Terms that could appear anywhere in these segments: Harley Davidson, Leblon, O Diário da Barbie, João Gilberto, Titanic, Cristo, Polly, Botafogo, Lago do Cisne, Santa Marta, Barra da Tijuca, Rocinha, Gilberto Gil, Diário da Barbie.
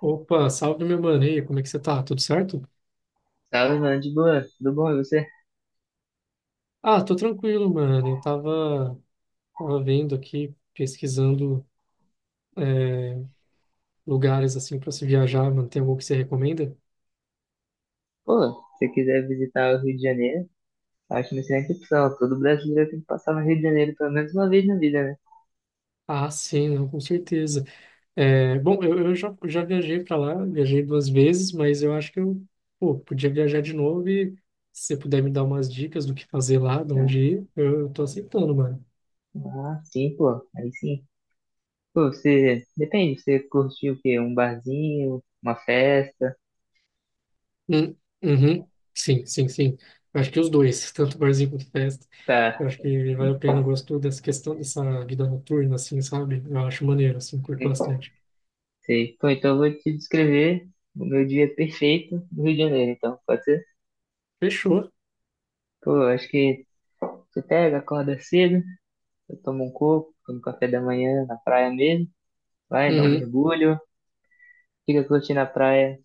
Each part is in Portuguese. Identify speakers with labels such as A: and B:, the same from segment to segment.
A: Opa, salve meu mano, e aí, como é que você tá? Tudo certo?
B: Salve, mano, de boa, tudo bom, e você?
A: Ah, tô tranquilo, mano. Eu tava vendo aqui, pesquisando é, lugares assim pra se viajar, mano. Tem algum que você recomenda?
B: Pô, se você quiser visitar o Rio de Janeiro, acho uma excelente opção. Todo brasileiro tem que passar no Rio de Janeiro pelo menos uma vez na vida, né?
A: Ah, sim, não, com certeza. É, bom, eu já viajei pra lá, viajei duas vezes, mas eu acho que eu, pô, podia viajar de novo e se você puder me dar umas dicas do que fazer lá, de
B: Ah,
A: onde ir, eu tô aceitando, mano.
B: ah, sim, pô, aí sim. Pô, você, depende, você curtiu o quê? Um barzinho, uma festa?
A: Hum, uhum. Sim, sim, sim. Eu acho que os dois, tanto barzinho quanto festa. Eu
B: Tá,
A: acho que vale a pena. Eu gosto dessa questão dessa vida noturna, assim, sabe? Eu acho maneiro, assim, curto bastante.
B: sei. Pô, então eu vou te descrever o meu dia perfeito no Rio de Janeiro, então, pode ser?
A: Fechou.
B: Pô, eu acho que você pega, acorda cedo, eu tomo um coco, tomo café da manhã na praia mesmo, vai, dá um
A: Uhum,
B: mergulho, fica curtindo a praia,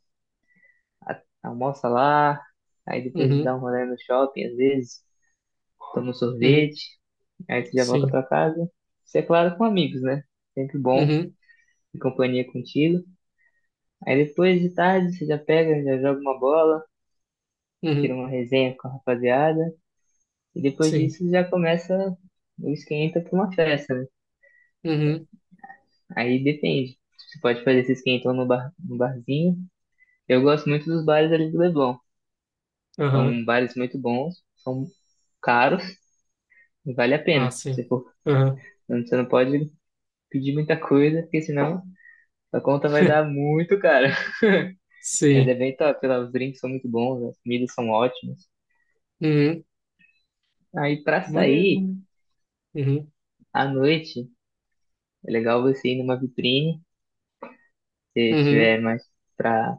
B: almoça lá, aí depois dá
A: uhum,
B: um rolê no shopping, às vezes, toma um
A: uhum.
B: sorvete, aí você já volta
A: Sim.
B: pra casa. Isso é claro com amigos, né? Sempre bom
A: Uhum,
B: ter companhia contigo. Aí depois de tarde você já pega, já joga uma bola, tira
A: uhum.
B: uma resenha com a rapaziada, e depois
A: Sim.
B: disso já começa o esquenta pra uma festa, né?
A: Uhum.
B: Aí depende. Você pode fazer esse esquentão no bar, no barzinho. Eu gosto muito dos bares ali do Leblon.
A: Aham.
B: São bares muito bons, são caros. Vale a
A: Ah,
B: pena. Se
A: sim.
B: for,
A: Aham.
B: você não pode pedir muita coisa, porque senão a conta vai dar muito cara. Mas
A: Sim.
B: é bem top, lá, os drinks são muito bons, as comidas são ótimas.
A: Uhum.
B: Aí pra
A: Maneiro,
B: sair
A: maneiro. Uhum.
B: à noite, é legal você ir numa vitrine, se
A: Uhum.
B: tiver mais pra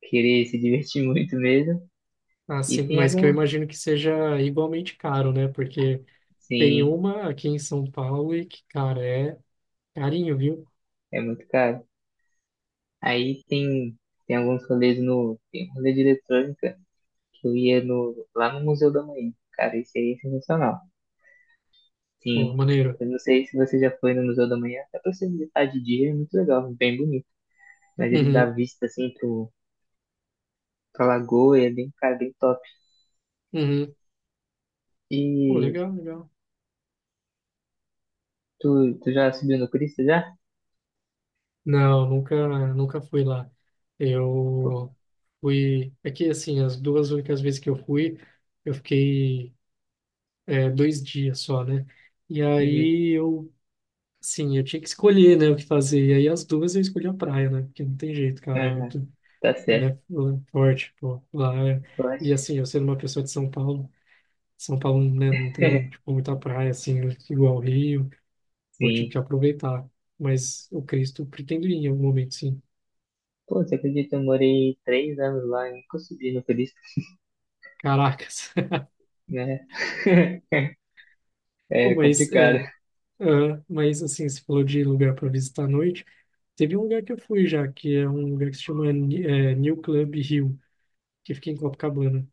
B: querer se divertir muito mesmo.
A: Ah, sim.
B: E tem
A: Mas que eu
B: algum,
A: imagino que seja igualmente caro, né? Porque tem
B: sim,
A: uma aqui em São Paulo e que, cara, é. Carinho, viu?
B: é muito caro. Aí tem tem alguns rolês no, tem um rolê de eletrônica que eu ia no lá no Museu da Manhã. Cara, esse aí é sensacional.
A: Pô,
B: Sim,
A: maneiro.
B: eu não sei se você já foi no Museu da Manhã, dá pra você visitar de dia, é muito legal, é bem bonito. Mas ele dá
A: Uhum,
B: vista assim pro, pra lagoa, e é bem, cara, bem top.
A: uhum. Pô,
B: E
A: legal, legal.
B: tu já subiu no Cristo já?
A: Não, nunca, nunca fui lá.
B: Pô,
A: Eu fui. É que, assim, as duas únicas vezes que eu fui, eu fiquei 2 dias só, né? E
B: uhum.
A: aí eu, sim, eu tinha que escolher, né, o que fazer. E aí as duas eu escolhi a praia, né? Porque não tem jeito, cara. É
B: Ah,
A: muito
B: tá certo,
A: é, forte, pô.
B: eu
A: E,
B: acho.
A: assim, eu sendo uma pessoa de São Paulo, São Paulo, né, não tem, tipo, muita praia, assim, igual Rio. Vou ter
B: Sim.
A: que aproveitar. Mas o Cristo pretendo ir em algum momento, sim.
B: Pô, você acredita, eu morei 3 anos lá e nunca subi no Cristo,
A: Caracas.
B: né?
A: Pô,
B: É
A: Mas, é,
B: complicado.
A: ah, mas assim, você falou de lugar para visitar à noite. Teve um lugar que eu fui já, que é um lugar que se chama New Club Hill, que fica em Copacabana.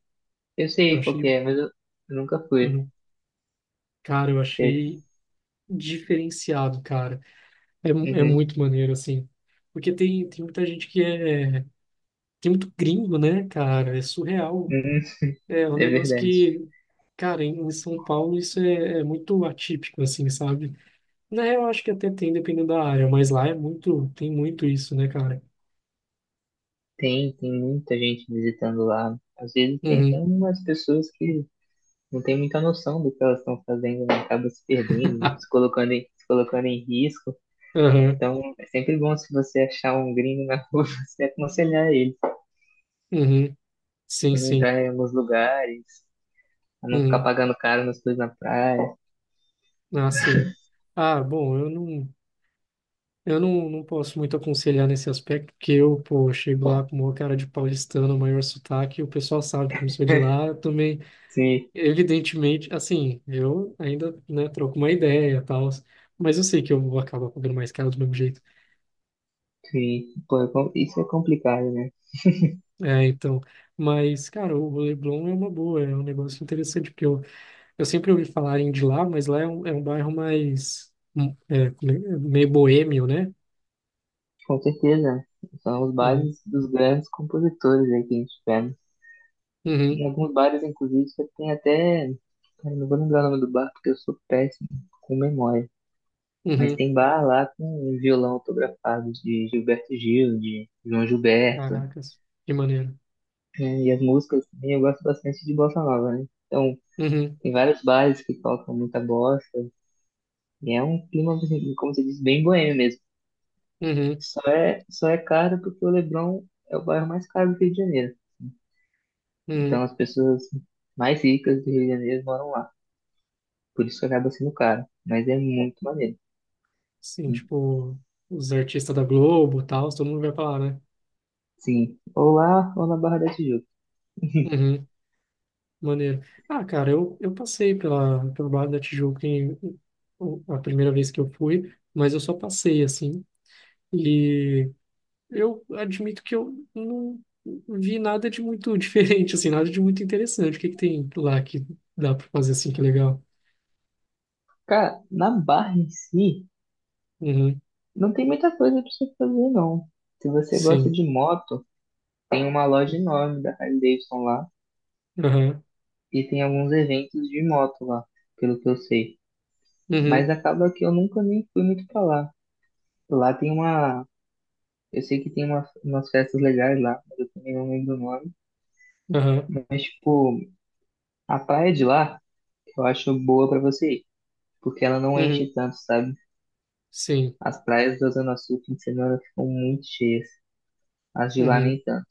B: Eu
A: Eu
B: sei qual que
A: achei,
B: é, mas eu nunca fui.
A: hum, cara, eu
B: É,
A: achei diferenciado, cara. É,
B: uhum,
A: muito maneiro, assim. Porque tem muita gente que é. Tem muito gringo, né, cara? É surreal.
B: uhum,
A: É um
B: é
A: negócio
B: verdade.
A: que, cara, em São Paulo isso é muito atípico, assim, sabe? Na real, eu acho que até tem, dependendo da área, mas lá é muito, tem muito isso, né, cara?
B: Tem, tem muita gente visitando lá. Às vezes tem até
A: Uhum,
B: umas pessoas que não têm muita noção do que elas estão fazendo, né? Acabam se perdendo, se colocando em risco.
A: aham,
B: Então é sempre bom se você achar um gringo na rua, você aconselhar ele
A: uhum, sim,
B: a não
A: sim,
B: entrar em alguns lugares, a não ficar
A: uhum,
B: pagando caro nas coisas na praia.
A: ah, sim. Ah, bom, eu não posso muito aconselhar nesse aspecto, porque eu, pô, chego lá com uma cara de paulistano, maior sotaque, e o pessoal sabe que eu não sou de lá, também.
B: Se,
A: Evidentemente, assim, eu ainda, né, troco uma ideia e tal, mas eu sei que eu vou acabar pagando mais caro do mesmo jeito.
B: se, pô, isso é complicado, né?
A: É, então, mas, cara, o Leblon é uma boa, é um negócio interessante, porque eu sempre ouvi falarem de lá, mas lá é um, bairro mais, é meio boêmio, né?
B: Com certeza. São os
A: Hum.
B: bares dos grandes compositores aí que a gente tiver. Em
A: Uhum,
B: alguns bares, inclusive, você tem até. Cara, não vou lembrar o nome do bar porque eu sou péssimo com memória. Mas
A: uhum,
B: tem bar lá com um violão autografado de Gilberto Gil, de João Gilberto,
A: caracas, que maneiro.
B: né? E as músicas também, eu gosto bastante de bossa nova, né? Então,
A: Uhum,
B: tem vários bares que tocam muita bossa. E é um clima, assim, como você disse, bem boêmio mesmo.
A: uhum,
B: Só é caro porque o Leblon é o bairro mais caro do Rio de Janeiro. Então,
A: uhum.
B: as pessoas mais ricas do Rio de Janeiro moram lá. Por isso que acaba sendo caro. Mas é muito maneiro.
A: Sim,
B: Sim.
A: tipo, os artistas da Globo e tal, todo mundo vai pra lá, né?
B: Sim. Ou lá, ou na Barra da Tijuca.
A: Uhum. Maneiro. Ah, cara, eu passei pelo Bar da Tijuca a primeira vez que eu fui, mas eu só passei, assim, e eu admito que eu não vi nada de muito diferente, assim, nada de muito interessante. O que que tem lá que dá pra fazer, assim, que é legal?
B: Cara, na Barra em si,
A: Uhum,
B: não tem muita coisa pra você fazer, não. Se você gosta
A: sim.
B: de moto, tem uma loja enorme da Harley Davidson lá.
A: Aham,
B: E tem alguns eventos de moto lá, pelo que eu sei. Mas
A: uhum,
B: acaba que eu nunca nem fui muito pra lá. Lá tem uma. Eu sei que tem uma, umas festas legais lá, mas eu também não lembro o nome.
A: aham,
B: Mas, tipo, a praia de lá, eu acho boa pra você ir. Porque ela não
A: uhum,
B: enche tanto, sabe?
A: sim,
B: As praias da Zona Sul, fim de semana, ficam muito cheias. As de lá, nem
A: uhum,
B: tanto.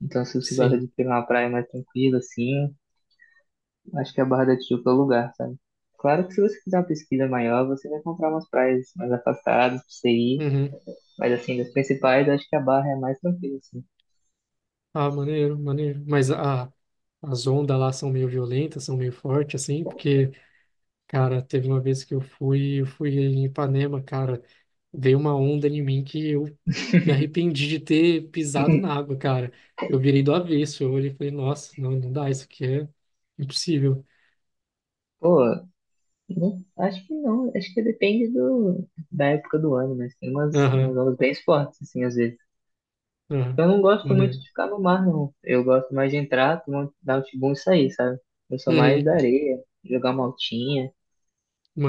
B: Então, se você gosta de
A: sim,
B: pegar uma praia mais tranquila, assim, acho que a Barra da Tijuca é o lugar, sabe? Claro que se você fizer uma pesquisa maior, você vai encontrar umas praias mais afastadas pra você ir.
A: uhum.
B: Mas, assim, das principais, acho que a Barra é mais tranquila, assim.
A: Ah, maneiro, maneiro. Mas as ondas lá são meio violentas, são meio fortes, assim, porque. Cara, teve uma vez que eu fui em Ipanema, cara, dei uma onda em mim que eu me arrependi de ter pisado na água, cara. Eu virei do avesso, eu olhei e falei, nossa, não, não dá, isso aqui é impossível.
B: Pô, acho que não. Acho que depende do, da época do ano, mas tem umas, umas
A: Aham,
B: ondas bem fortes, assim, às vezes.
A: aham,
B: Eu não gosto muito
A: maneiro.
B: de ficar no mar, não. Eu gosto mais de entrar, dar um tibum e sair, sabe? Eu sou mais da
A: Uhum,
B: areia, jogar uma altinha.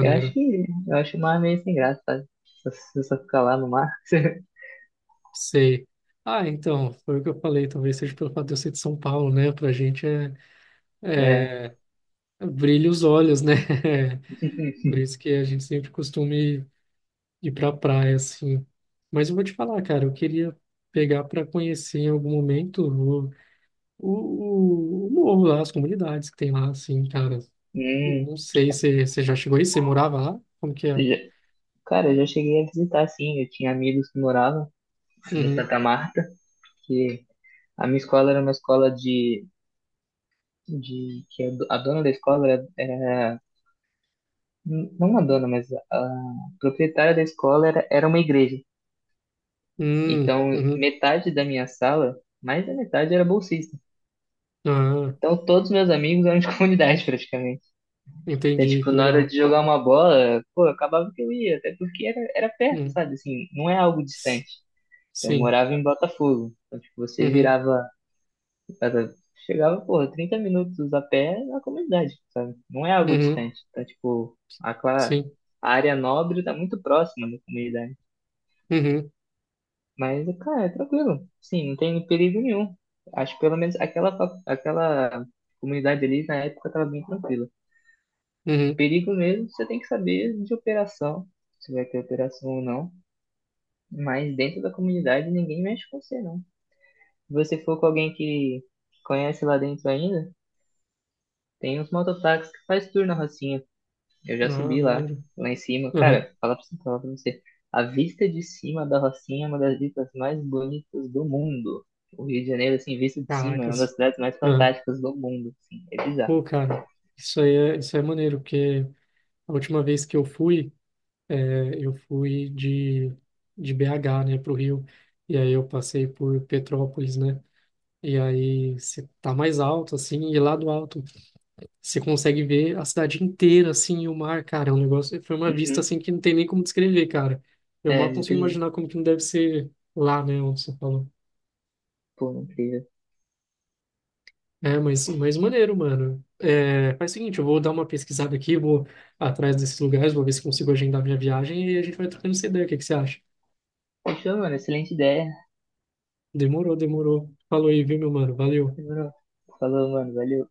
B: Eu acho o mar meio sem graça, sabe? Só ficar lá no mar.
A: sei. Ah, então, foi o que eu falei, talvez seja pelo fato de eu ser de São Paulo, né? Pra gente
B: É.
A: é, brilha os olhos, né? Por isso que a gente sempre costuma ir pra praia, assim. Mas eu vou te falar, cara, eu queria pegar para conhecer em algum momento o morro lá, as comunidades que tem lá, assim, cara.
B: Hum,
A: Não sei se você já chegou aí, você morava lá? Como que é?
B: já- cara, eu já cheguei a visitar, sim. Eu tinha amigos que moravam em
A: Uhum.
B: Santa Marta, que a minha escola era uma escola de, que a dona da escola era- não a dona, mas a proprietária da escola era uma igreja.
A: Hum,
B: Então,
A: uhum.
B: metade da minha sala, mais da metade era bolsista.
A: Ah,
B: Então, todos meus amigos eram de comunidade, praticamente. Então,
A: entendi,
B: tipo,
A: que
B: na hora
A: legal.
B: de jogar uma bola, pô, acabava que eu ia, até porque era perto,
A: Hum.
B: sabe? Assim, não é algo
A: S-
B: distante. Eu
A: Sim.
B: morava em Botafogo. Então, tipo, você
A: Uhum.
B: virava, era- chegava, pô, 30 minutos a pé na comunidade, sabe? Não é algo
A: Uhum.
B: distante. Então, tipo,
A: Sim.
B: a área nobre tá muito próxima da comunidade.
A: Uhum.
B: Mas, cara, é tranquilo. Sim, não tem perigo nenhum. Acho que pelo menos aquela, aquela comunidade ali na época estava bem tranquila.
A: Uhum.
B: Perigo mesmo, você tem que saber de operação, se vai ter operação ou não. Mas dentro da comunidade ninguém mexe com você, não. Se você for com alguém que conhece lá dentro ainda, tem uns mototáxis que faz tour na Rocinha. Eu já
A: Ah,
B: subi lá,
A: maneiro.
B: lá em cima.
A: Aham.
B: Cara, falar pra você, falar pra você. A vista de cima da Rocinha é uma das vistas mais bonitas do mundo. O Rio de Janeiro, assim, visto de cima, é uma das
A: Caracas.
B: cidades mais
A: Ah.
B: fantásticas do mundo. Assim, é bizarro.
A: Pô, cara, isso aí é maneiro, porque a última vez que eu fui de, BH, né, para o Rio, e aí eu passei por Petrópolis, né, e aí você tá mais alto, assim, e lá do alto você consegue ver a cidade inteira, assim, e o mar, cara, é um negócio, foi uma vista,
B: Uhum.
A: assim, que não tem nem como descrever, cara. Eu
B: É,
A: mal
B: muito
A: consigo
B: lindo.
A: imaginar como que não deve ser lá, né, onde você falou.
B: Pô, incrível.
A: É, mas maneiro, mano. É, faz o seguinte, eu vou dar uma pesquisada aqui, vou atrás desses lugares, vou ver se consigo agendar minha viagem e a gente vai trocando essa ideia, o que que você acha?
B: Fechou, mano. Excelente ideia.
A: Demorou, demorou. Falou aí, viu, meu mano? Valeu.
B: Demorou. Falou, mano. Valeu.